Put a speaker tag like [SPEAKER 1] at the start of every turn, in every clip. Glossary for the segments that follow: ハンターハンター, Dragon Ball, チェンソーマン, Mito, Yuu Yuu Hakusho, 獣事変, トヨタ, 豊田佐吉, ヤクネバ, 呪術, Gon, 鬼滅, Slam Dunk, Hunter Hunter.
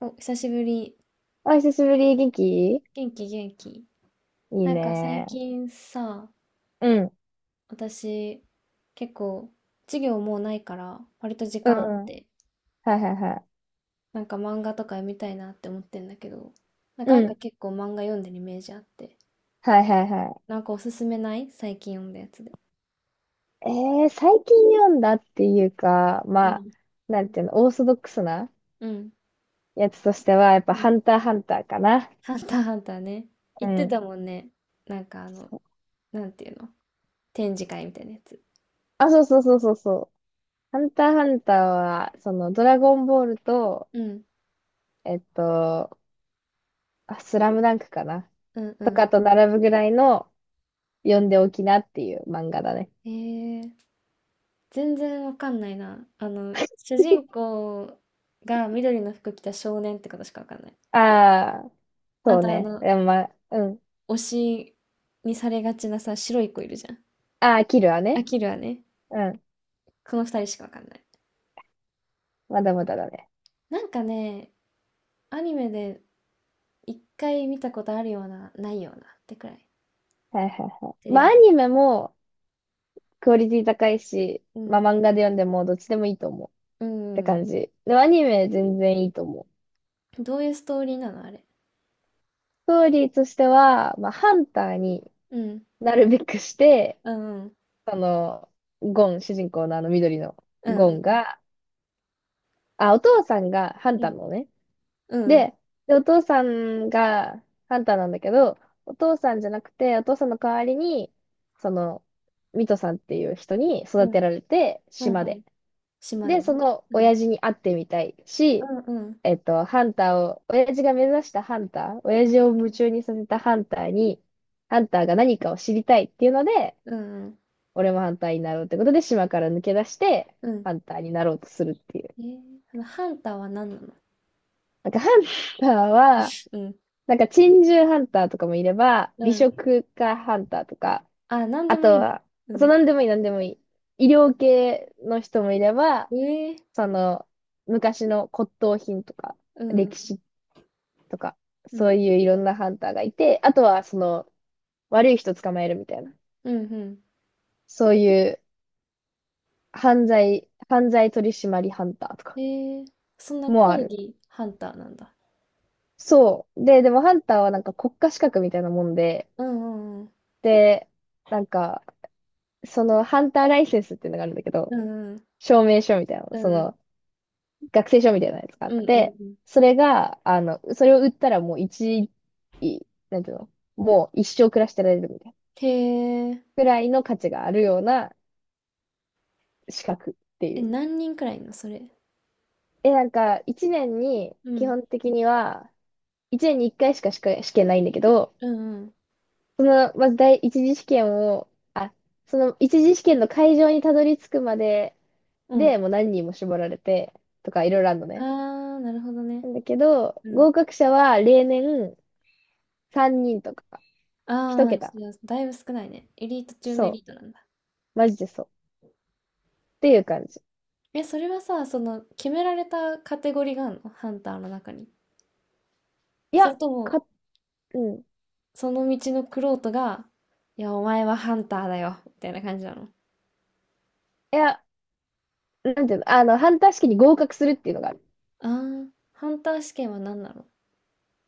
[SPEAKER 1] お、久しぶり。
[SPEAKER 2] あ、久しぶり、元気い
[SPEAKER 1] 元気元気。
[SPEAKER 2] い
[SPEAKER 1] なんか最
[SPEAKER 2] ね。
[SPEAKER 1] 近さ、
[SPEAKER 2] うん、
[SPEAKER 1] 私結構授業もうないから割と時
[SPEAKER 2] う
[SPEAKER 1] 間あっ
[SPEAKER 2] ん、うん。
[SPEAKER 1] て、
[SPEAKER 2] はいはいは
[SPEAKER 1] なんか漫画とか読みたいなって思ってんだけど、なん
[SPEAKER 2] い。
[SPEAKER 1] か
[SPEAKER 2] う
[SPEAKER 1] 愛花
[SPEAKER 2] ん、
[SPEAKER 1] 結構漫画読んでるイメージあって、
[SPEAKER 2] はいはいは
[SPEAKER 1] なんかおすすめない最近読んだやつで。
[SPEAKER 2] い。最近読んだっていうか、
[SPEAKER 1] う
[SPEAKER 2] まあ、
[SPEAKER 1] ん。
[SPEAKER 2] なんていうの、オーソドックスな
[SPEAKER 1] うん。
[SPEAKER 2] やつとしては、やっ
[SPEAKER 1] う
[SPEAKER 2] ぱ
[SPEAKER 1] ん
[SPEAKER 2] ハンターハンターかな。
[SPEAKER 1] ハンターハンターね。
[SPEAKER 2] う
[SPEAKER 1] 言って
[SPEAKER 2] ん。
[SPEAKER 1] たもんね。なんかなんていうの展示会みたいなやつ。
[SPEAKER 2] あ、そうそうそうそうそう。ハンターハンターは、その、ドラゴンボールと、
[SPEAKER 1] うん。
[SPEAKER 2] えっと、あスラムダンクかな。
[SPEAKER 1] うんう
[SPEAKER 2] とか
[SPEAKER 1] ん。
[SPEAKER 2] と並ぶぐらいの、読んでおきなっていう漫画だね。
[SPEAKER 1] えー全然わかんないな。主人公が緑の服着た少年ってことしかわかんない。
[SPEAKER 2] ああ、
[SPEAKER 1] あ
[SPEAKER 2] そう
[SPEAKER 1] と、
[SPEAKER 2] ね。でもまあ、うん。
[SPEAKER 1] 推しにされがちなさ、白い子いるじゃん。
[SPEAKER 2] ああ、キルは
[SPEAKER 1] ア
[SPEAKER 2] ね。
[SPEAKER 1] キルはね、
[SPEAKER 2] うん。
[SPEAKER 1] この二人しかわかんない。
[SPEAKER 2] まだまだだね。
[SPEAKER 1] なんかね、アニメで一回見たことあるような、ないようなってくらい。
[SPEAKER 2] はいはいは
[SPEAKER 1] テ
[SPEAKER 2] い。
[SPEAKER 1] レ
[SPEAKER 2] まあ、
[SPEAKER 1] ビ
[SPEAKER 2] ア
[SPEAKER 1] で。
[SPEAKER 2] ニメもクオリティ高いし、
[SPEAKER 1] う
[SPEAKER 2] まあ、
[SPEAKER 1] ん。
[SPEAKER 2] 漫画で読んでもどっちでもいいと思うっ
[SPEAKER 1] う
[SPEAKER 2] て
[SPEAKER 1] ん。う
[SPEAKER 2] 感
[SPEAKER 1] ん
[SPEAKER 2] じ。でも、アニメ全然いいと思う。
[SPEAKER 1] どういうストーリーなのあれ。
[SPEAKER 2] ストーリーとしては、まあ、ハンターに
[SPEAKER 1] うん。
[SPEAKER 2] なるべくして、
[SPEAKER 1] うん。
[SPEAKER 2] その、ゴン、主人公のあの緑の
[SPEAKER 1] う
[SPEAKER 2] ゴン
[SPEAKER 1] ん。
[SPEAKER 2] が、あ、お父さんがハン
[SPEAKER 1] う
[SPEAKER 2] ター
[SPEAKER 1] ん。
[SPEAKER 2] のね、
[SPEAKER 1] うん。
[SPEAKER 2] で、で、お父さんがハンターなんだけど、お父さんじゃなくて、お父さんの代わりに、その、ミトさんっていう人に
[SPEAKER 1] う
[SPEAKER 2] 育
[SPEAKER 1] ん。
[SPEAKER 2] てられて、
[SPEAKER 1] うん。うん。
[SPEAKER 2] 島
[SPEAKER 1] うん。うん
[SPEAKER 2] で。
[SPEAKER 1] 島
[SPEAKER 2] で、
[SPEAKER 1] でね。
[SPEAKER 2] その
[SPEAKER 1] うん。
[SPEAKER 2] 親父に会ってみたいし、
[SPEAKER 1] うん。
[SPEAKER 2] ハンターを、親父が目指したハンター、親
[SPEAKER 1] うん。
[SPEAKER 2] 父を夢中にさせたハンターに、ハンターが何かを知りたいっていうので、
[SPEAKER 1] うん。うん。
[SPEAKER 2] 俺もハンターになろうってことで、島から抜け出して、
[SPEAKER 1] うん。
[SPEAKER 2] ハンターになろうとするっていう。
[SPEAKER 1] えー、そのハンターは何なの
[SPEAKER 2] なんか、ハンターは、
[SPEAKER 1] うん、
[SPEAKER 2] なんか珍獣ハンターとかもいれば、
[SPEAKER 1] う
[SPEAKER 2] 美
[SPEAKER 1] ん。
[SPEAKER 2] 食家ハンターとか、
[SPEAKER 1] あ、何で
[SPEAKER 2] あ
[SPEAKER 1] も
[SPEAKER 2] と
[SPEAKER 1] いいんだ。
[SPEAKER 2] は、
[SPEAKER 1] う
[SPEAKER 2] そう、
[SPEAKER 1] ん。
[SPEAKER 2] なんでもいい、なんでもいい。医療系の人もいれば、
[SPEAKER 1] ええ
[SPEAKER 2] その、昔の骨董品とか、
[SPEAKER 1] うん、
[SPEAKER 2] 歴史とか、
[SPEAKER 1] う
[SPEAKER 2] そう
[SPEAKER 1] ん、
[SPEAKER 2] いういろんなハンターがいて、あとは、その、悪い人捕まえるみたいな、
[SPEAKER 1] うん、う
[SPEAKER 2] そういう犯罪取締りハンターと
[SPEAKER 1] ん。
[SPEAKER 2] か
[SPEAKER 1] えー、そんな
[SPEAKER 2] もあ
[SPEAKER 1] 講
[SPEAKER 2] る。
[SPEAKER 1] 義ハンターなんだ。
[SPEAKER 2] そう。でもハンターはなんか国家資格みたいなもんで、
[SPEAKER 1] うん、うん、
[SPEAKER 2] で、なんか、そのハンターライセンスっていうのがあるんだけど、
[SPEAKER 1] うん、
[SPEAKER 2] 証明書みたいな、
[SPEAKER 1] うん、
[SPEAKER 2] そ
[SPEAKER 1] うん、
[SPEAKER 2] の、学生証みたいなやつがあっ
[SPEAKER 1] うん、うん、うん
[SPEAKER 2] て、
[SPEAKER 1] うん。
[SPEAKER 2] それが、あの、それを売ったらもう一、いなんていうの、もう一生暮らしてられるみたいな、
[SPEAKER 1] へえ、
[SPEAKER 2] くらいの価値があるような資格ってい
[SPEAKER 1] え、
[SPEAKER 2] う。
[SPEAKER 1] 何人くらいいんのそれ。
[SPEAKER 2] え、なんか、一年に、
[SPEAKER 1] う
[SPEAKER 2] 基
[SPEAKER 1] ん、
[SPEAKER 2] 本的には、一年に一回しか試験ないんだけど、
[SPEAKER 1] うん、うん、
[SPEAKER 2] その、まず第一次試験を、あ、その一次試験の会場にたどり着くまで
[SPEAKER 1] うん。
[SPEAKER 2] で、もう何人も絞られて、とかいろいろあるのね。
[SPEAKER 1] ああ、なるほどね。
[SPEAKER 2] なんだけど、
[SPEAKER 1] うん。
[SPEAKER 2] 合格者は例年、3人とか、1
[SPEAKER 1] ああ
[SPEAKER 2] 桁。
[SPEAKER 1] じゃあだいぶ少ないね。エリート中のエリ
[SPEAKER 2] そ
[SPEAKER 1] ートなんだ。
[SPEAKER 2] う。マジでそう。っていう感じ。
[SPEAKER 1] え、それはさ、その、決められたカテゴリーがあるのハンターの中に。
[SPEAKER 2] い
[SPEAKER 1] それ
[SPEAKER 2] や、
[SPEAKER 1] とも、
[SPEAKER 2] か、うん。い
[SPEAKER 1] その道の玄人が、いや、お前はハンターだよ、みたいな感じなの。
[SPEAKER 2] や、なんていうの、あの、ハンター試験に合格するっていうのがある。
[SPEAKER 1] あーハンター試験は何なの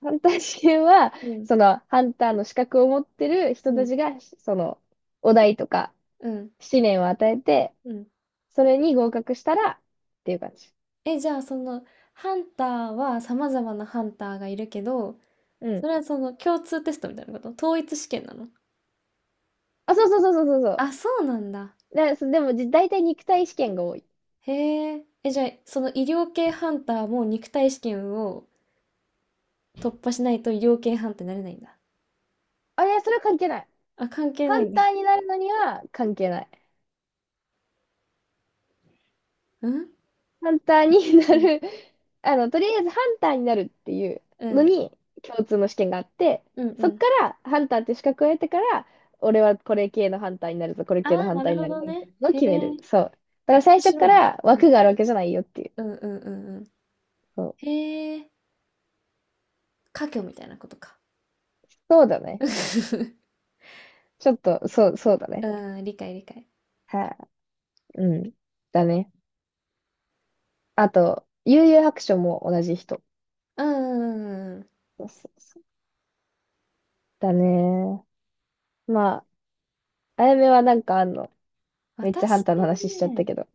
[SPEAKER 2] ハンター試験は、
[SPEAKER 1] うん、
[SPEAKER 2] その、ハンターの資格を持ってる
[SPEAKER 1] う
[SPEAKER 2] 人た
[SPEAKER 1] ん、
[SPEAKER 2] ちが、その、お題とか、
[SPEAKER 1] うん、
[SPEAKER 2] 試練を与えて、
[SPEAKER 1] うん。
[SPEAKER 2] それに合格したら、っていう感じ。
[SPEAKER 1] え、じゃあその、ハンターは様々なハンターがいるけど、
[SPEAKER 2] う
[SPEAKER 1] そ
[SPEAKER 2] ん。
[SPEAKER 1] れはその共通テストみたいなこと統一試験なの
[SPEAKER 2] あ、そうそうそうそうそうそう。
[SPEAKER 1] あ、そうなんだ。
[SPEAKER 2] で、そでも、じ大体肉体試験が多い。
[SPEAKER 1] へえ。え、じゃあ、その医療系ハンターも肉体試験を突破しないと医療系ハンターになれないんだ。
[SPEAKER 2] あれ、それは関係ない。
[SPEAKER 1] あ、関係
[SPEAKER 2] ハ
[SPEAKER 1] ない
[SPEAKER 2] ン
[SPEAKER 1] ん
[SPEAKER 2] タ
[SPEAKER 1] だ。
[SPEAKER 2] ーになるのには関係ない。
[SPEAKER 1] うん
[SPEAKER 2] ハンターにな
[SPEAKER 1] うん。
[SPEAKER 2] る あの、とりあえずハンターになるっていう
[SPEAKER 1] う
[SPEAKER 2] の
[SPEAKER 1] ん。
[SPEAKER 2] に共通の試験があって、
[SPEAKER 1] うんう
[SPEAKER 2] そっ
[SPEAKER 1] ん。
[SPEAKER 2] からハンターって資格を得てから、俺はこれ系のハンターになるぞ、これ
[SPEAKER 1] あ
[SPEAKER 2] 系の
[SPEAKER 1] あ、
[SPEAKER 2] ハ
[SPEAKER 1] な
[SPEAKER 2] ンタ
[SPEAKER 1] る
[SPEAKER 2] ーに
[SPEAKER 1] ほ
[SPEAKER 2] なる
[SPEAKER 1] ど
[SPEAKER 2] ぞ、みた
[SPEAKER 1] ね。
[SPEAKER 2] いなのを
[SPEAKER 1] へえ。
[SPEAKER 2] 決める。そう。だから
[SPEAKER 1] 面
[SPEAKER 2] 最初
[SPEAKER 1] 白
[SPEAKER 2] か
[SPEAKER 1] いね。
[SPEAKER 2] ら枠があるわけじゃないよっていう。
[SPEAKER 1] うんうんうんうん。
[SPEAKER 2] そう、
[SPEAKER 1] へえ、家業みたいなことか。
[SPEAKER 2] そうだね。ちょっと、そう、そうだね。
[SPEAKER 1] うん、理解理解。
[SPEAKER 2] はい、うん。だね。あと、悠々白書も同じ人。
[SPEAKER 1] うんうんうんうん。
[SPEAKER 2] そうそうそう。だね。まあ、あやめはなんかあんの。めっちゃハン
[SPEAKER 1] 私
[SPEAKER 2] ターの話しちゃった
[SPEAKER 1] ね、
[SPEAKER 2] けど。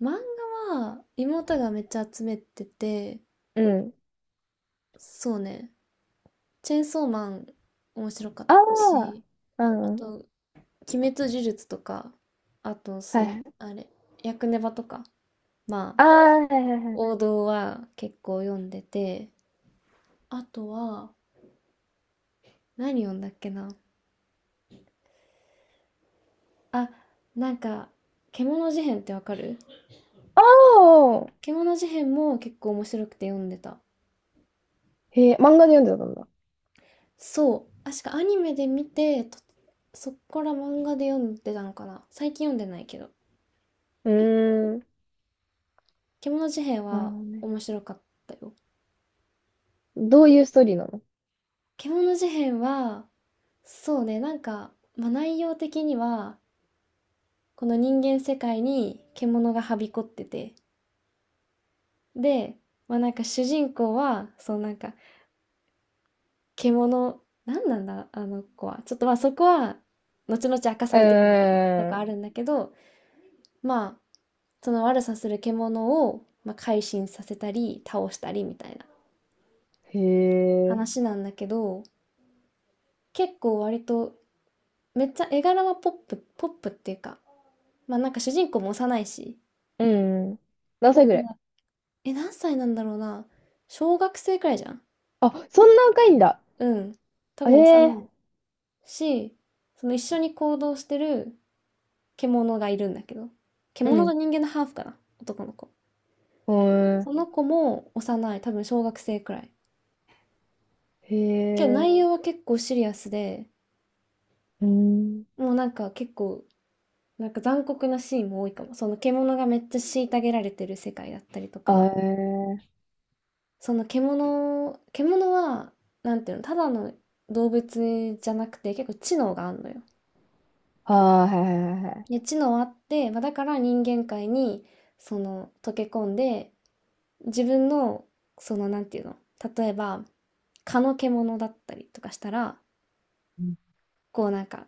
[SPEAKER 1] 漫画は妹がめっちゃ集めてて、
[SPEAKER 2] うん。
[SPEAKER 1] そうね、チェンソーマン面白かっ
[SPEAKER 2] あ
[SPEAKER 1] たし、
[SPEAKER 2] あ、
[SPEAKER 1] あ
[SPEAKER 2] うん。
[SPEAKER 1] と、鬼滅呪術とか、あと、
[SPEAKER 2] は
[SPEAKER 1] そ
[SPEAKER 2] い
[SPEAKER 1] の、
[SPEAKER 2] はい。
[SPEAKER 1] あれ、ヤクネバとか、まあ、
[SPEAKER 2] ああ、はいはいはい。
[SPEAKER 1] 王道は結構読んでて、あとは、何読んだっけなあ、なんか、獣事変ってわかる
[SPEAKER 2] ああ、
[SPEAKER 1] 獣事変も結構面白くて読んでた。
[SPEAKER 2] へえ、漫画で読んでたんだ。
[SPEAKER 1] そう。確かアニメで見て、とそっから漫画で読んでたのかな。最近読んでないけど。
[SPEAKER 2] うーん。
[SPEAKER 1] 獣事変
[SPEAKER 2] なるほ
[SPEAKER 1] は
[SPEAKER 2] どね。
[SPEAKER 1] 面白かったよ。
[SPEAKER 2] どういうストーリーなの。
[SPEAKER 1] 獣事変は、そうね、なんか、まあ、内容的には、この人間世界に獣がはびこってて、で、まあ、なんか主人公は、そうなんか、獣なんなんだ、あの子は。ちょっとまあそこは、後々明かさ
[SPEAKER 2] う
[SPEAKER 1] れていくみたいなと
[SPEAKER 2] ー
[SPEAKER 1] かあ
[SPEAKER 2] ん。
[SPEAKER 1] るんだけど、まあ、その悪さする獣を、まあ、改心させたり、倒したりみたいな
[SPEAKER 2] へえ。
[SPEAKER 1] 話なんだけど、結構割と、めっちゃ絵柄はポップ、ポップっていうか、まあなんか主人公も幼いし、
[SPEAKER 2] うん。何
[SPEAKER 1] ポッ
[SPEAKER 2] 歳ぐら
[SPEAKER 1] プ
[SPEAKER 2] い。
[SPEAKER 1] な、え、何歳なんだろうな。小学生くらいじゃん
[SPEAKER 2] あ、そんな若いんだ。
[SPEAKER 1] うん。多
[SPEAKER 2] え
[SPEAKER 1] 分
[SPEAKER 2] え。
[SPEAKER 1] 幼いし、その一緒に行動してる獣がいるんだけど、
[SPEAKER 2] う
[SPEAKER 1] 獣と
[SPEAKER 2] ん。
[SPEAKER 1] 人間のハーフかな、男の子。
[SPEAKER 2] うん。
[SPEAKER 1] その子も幼い、多分小学生くらい。
[SPEAKER 2] へ
[SPEAKER 1] けど
[SPEAKER 2] え。
[SPEAKER 1] 内容は結構シリアスで、
[SPEAKER 2] うん。
[SPEAKER 1] もうなんか結構、なんか残酷なシーンも多いかも。その獣がめっちゃ虐げられてる世界だったりと
[SPEAKER 2] あ
[SPEAKER 1] か、
[SPEAKER 2] え。
[SPEAKER 1] その獣は、なんていうの、ただの動物じゃなくて結構知能があんのよ。
[SPEAKER 2] ああはいはいはいはい。
[SPEAKER 1] で、知能あって、まあ、だから人間界にその溶け込んで自分のそのなんていうの例えば蚊の獣だったりとかしたら、
[SPEAKER 2] うん
[SPEAKER 1] こうなんか、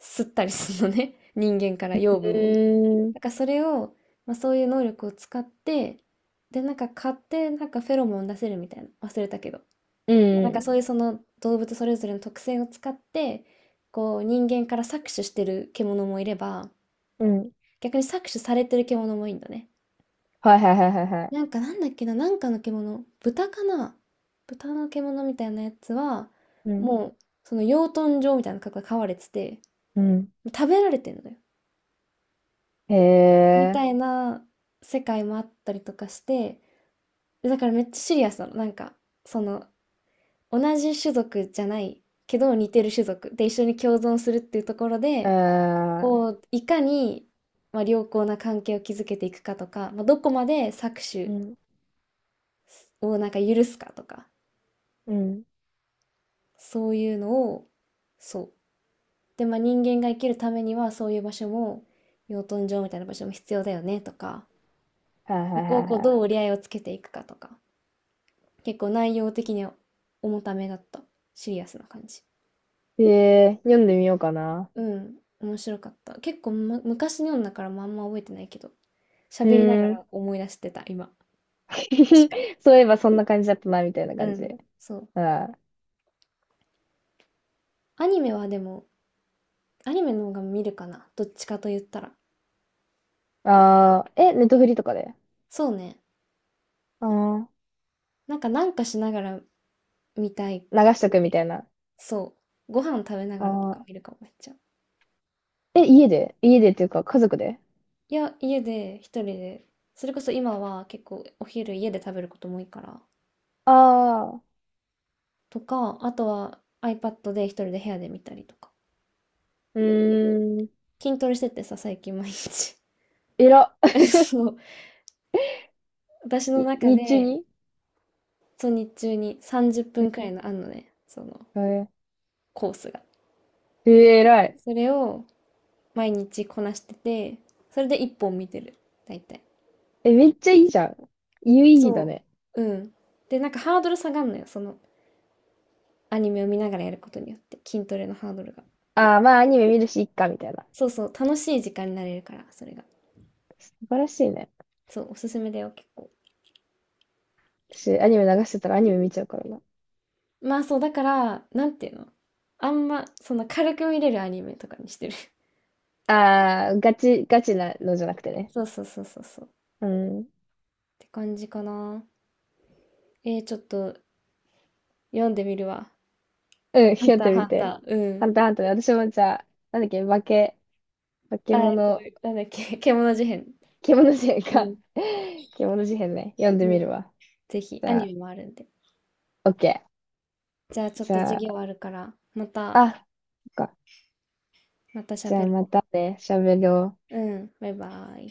[SPEAKER 1] 吸ったりするのね。人間から養分を。
[SPEAKER 2] うん。
[SPEAKER 1] だからそれを、まあ、そういう能力を使って、で、なんか蚊ってなんかフェロモン出せるみたいな。忘れたけど。
[SPEAKER 2] う
[SPEAKER 1] なんか
[SPEAKER 2] ん。
[SPEAKER 1] そういうその動物それぞれの特性を使って、こう人間から搾取してる獣もいれば、
[SPEAKER 2] うん。
[SPEAKER 1] 逆に搾取されてる獣もいいんだね。
[SPEAKER 2] はいはいはいはいはい。
[SPEAKER 1] なんかなんだっけな、なんかの獣、豚かな豚の獣みたいなやつは、
[SPEAKER 2] うん。
[SPEAKER 1] もう、その養豚場みたいな格が飼われてて、
[SPEAKER 2] うん。
[SPEAKER 1] 食べられてんのよ。
[SPEAKER 2] へ
[SPEAKER 1] みた
[SPEAKER 2] え。
[SPEAKER 1] いな世界もあったりとかして、でだからめっちゃシリアスなの。なんか、その、同じ種族じゃないけど似てる種族で一緒に共存するっていうところ
[SPEAKER 2] え
[SPEAKER 1] で、
[SPEAKER 2] ー
[SPEAKER 1] こう、いかに、まあ、良好な関係を築けていくかとか、まあ、どこまで搾
[SPEAKER 2] う
[SPEAKER 1] 取
[SPEAKER 2] ん。
[SPEAKER 1] をなんか許すかとか、
[SPEAKER 2] うん。
[SPEAKER 1] そういうのを、そう。で、まあ人間が生きるためにはそういう場所も、養豚場みたいな場所も必要だよねとか、
[SPEAKER 2] はいは
[SPEAKER 1] そ
[SPEAKER 2] い
[SPEAKER 1] こ
[SPEAKER 2] は
[SPEAKER 1] を
[SPEAKER 2] い
[SPEAKER 1] こうどう
[SPEAKER 2] は
[SPEAKER 1] 折り合いをつけていくかとか、結構内容的には重ためだった。シリアスな感じ。
[SPEAKER 2] い。えー、読んでみようかな。
[SPEAKER 1] うん、面白かった。結構、ま、昔の読んだからまああんま覚えてないけど、
[SPEAKER 2] う
[SPEAKER 1] 喋りなが
[SPEAKER 2] ーん。
[SPEAKER 1] ら思い出してた、今。確かに
[SPEAKER 2] そういえばそんな感じだったな、みたいな
[SPEAKER 1] う
[SPEAKER 2] 感じ
[SPEAKER 1] ん、
[SPEAKER 2] で。
[SPEAKER 1] そう。
[SPEAKER 2] うん。あ
[SPEAKER 1] アニメはでも、アニメの方が見るかな。どっちかと言ったら。
[SPEAKER 2] あ、え、ネットフリとかで。
[SPEAKER 1] そうね。
[SPEAKER 2] ああ
[SPEAKER 1] なんかなんかしながら見たい
[SPEAKER 2] ー、流しと
[SPEAKER 1] っ
[SPEAKER 2] くみ
[SPEAKER 1] て
[SPEAKER 2] たいな。
[SPEAKER 1] そう。ご飯食べな
[SPEAKER 2] あ
[SPEAKER 1] がらとか
[SPEAKER 2] あ。
[SPEAKER 1] 見るかもめっちゃ。
[SPEAKER 2] え、家で家でっていうか、家族で。
[SPEAKER 1] いや、家で一人で、それこそ今は結構お昼家で食べることも多いから、
[SPEAKER 2] ああー、
[SPEAKER 1] とか、あとは iPad で一人で部屋で見たりとか。
[SPEAKER 2] うーん。
[SPEAKER 1] 筋トレしててさ、最近毎日。
[SPEAKER 2] えら。
[SPEAKER 1] そう。私の
[SPEAKER 2] に
[SPEAKER 1] 中
[SPEAKER 2] 日中
[SPEAKER 1] で、
[SPEAKER 2] に。
[SPEAKER 1] そう、日中に30分くらいのあんのね、その
[SPEAKER 2] え
[SPEAKER 1] コースが。
[SPEAKER 2] ー、えらい。
[SPEAKER 1] それを毎日こなしてて、それで一本見てる。大体。
[SPEAKER 2] え、めっちゃいいじゃん。有意義だ
[SPEAKER 1] そ
[SPEAKER 2] ね。
[SPEAKER 1] う。うん。で、なんかハードル下がんのよ。そのアニメを見ながらやることによって筋トレのハードルが
[SPEAKER 2] ああ、まあアニメ見るし、いっか、みたいな。
[SPEAKER 1] そうそう楽しい時間になれるからそれが
[SPEAKER 2] 素晴らしいね。
[SPEAKER 1] そうおすすめだよ結構
[SPEAKER 2] 私、アニメ流してたらアニメ見ちゃうからな。
[SPEAKER 1] まあそうだからなんていうのあんまその軽く見れるアニメとかにしてる
[SPEAKER 2] ああ、ガチなのじゃなくてね。
[SPEAKER 1] そうそうそうそうそうっ
[SPEAKER 2] うん。
[SPEAKER 1] て感じかなえー、ちょっと読んでみるわ
[SPEAKER 2] うん、
[SPEAKER 1] ハン
[SPEAKER 2] やっ
[SPEAKER 1] ター
[SPEAKER 2] て
[SPEAKER 1] ハ
[SPEAKER 2] み
[SPEAKER 1] ン
[SPEAKER 2] て。
[SPEAKER 1] ターう
[SPEAKER 2] ハ
[SPEAKER 1] ん
[SPEAKER 2] ンターハンターね私もじゃあ、なんだっけ、化け、化け
[SPEAKER 1] あ
[SPEAKER 2] 物、
[SPEAKER 1] なんだっけ 獣事変
[SPEAKER 2] 獣事変
[SPEAKER 1] う
[SPEAKER 2] か。
[SPEAKER 1] ん、
[SPEAKER 2] 獣事変ね。読んで
[SPEAKER 1] う
[SPEAKER 2] みる
[SPEAKER 1] ん、
[SPEAKER 2] わ。
[SPEAKER 1] ぜひ
[SPEAKER 2] じ
[SPEAKER 1] ア
[SPEAKER 2] ゃ
[SPEAKER 1] ニ
[SPEAKER 2] あ、
[SPEAKER 1] メもあるんで
[SPEAKER 2] オッケ
[SPEAKER 1] じゃあち
[SPEAKER 2] ー。
[SPEAKER 1] ょっ
[SPEAKER 2] じ
[SPEAKER 1] と
[SPEAKER 2] ゃ
[SPEAKER 1] 授
[SPEAKER 2] あ、
[SPEAKER 1] 業あるからまた
[SPEAKER 2] あ、そっか。
[SPEAKER 1] また
[SPEAKER 2] じゃあ
[SPEAKER 1] 喋
[SPEAKER 2] ま
[SPEAKER 1] ろ
[SPEAKER 2] たね、喋ろう。
[SPEAKER 1] ううんバイバイ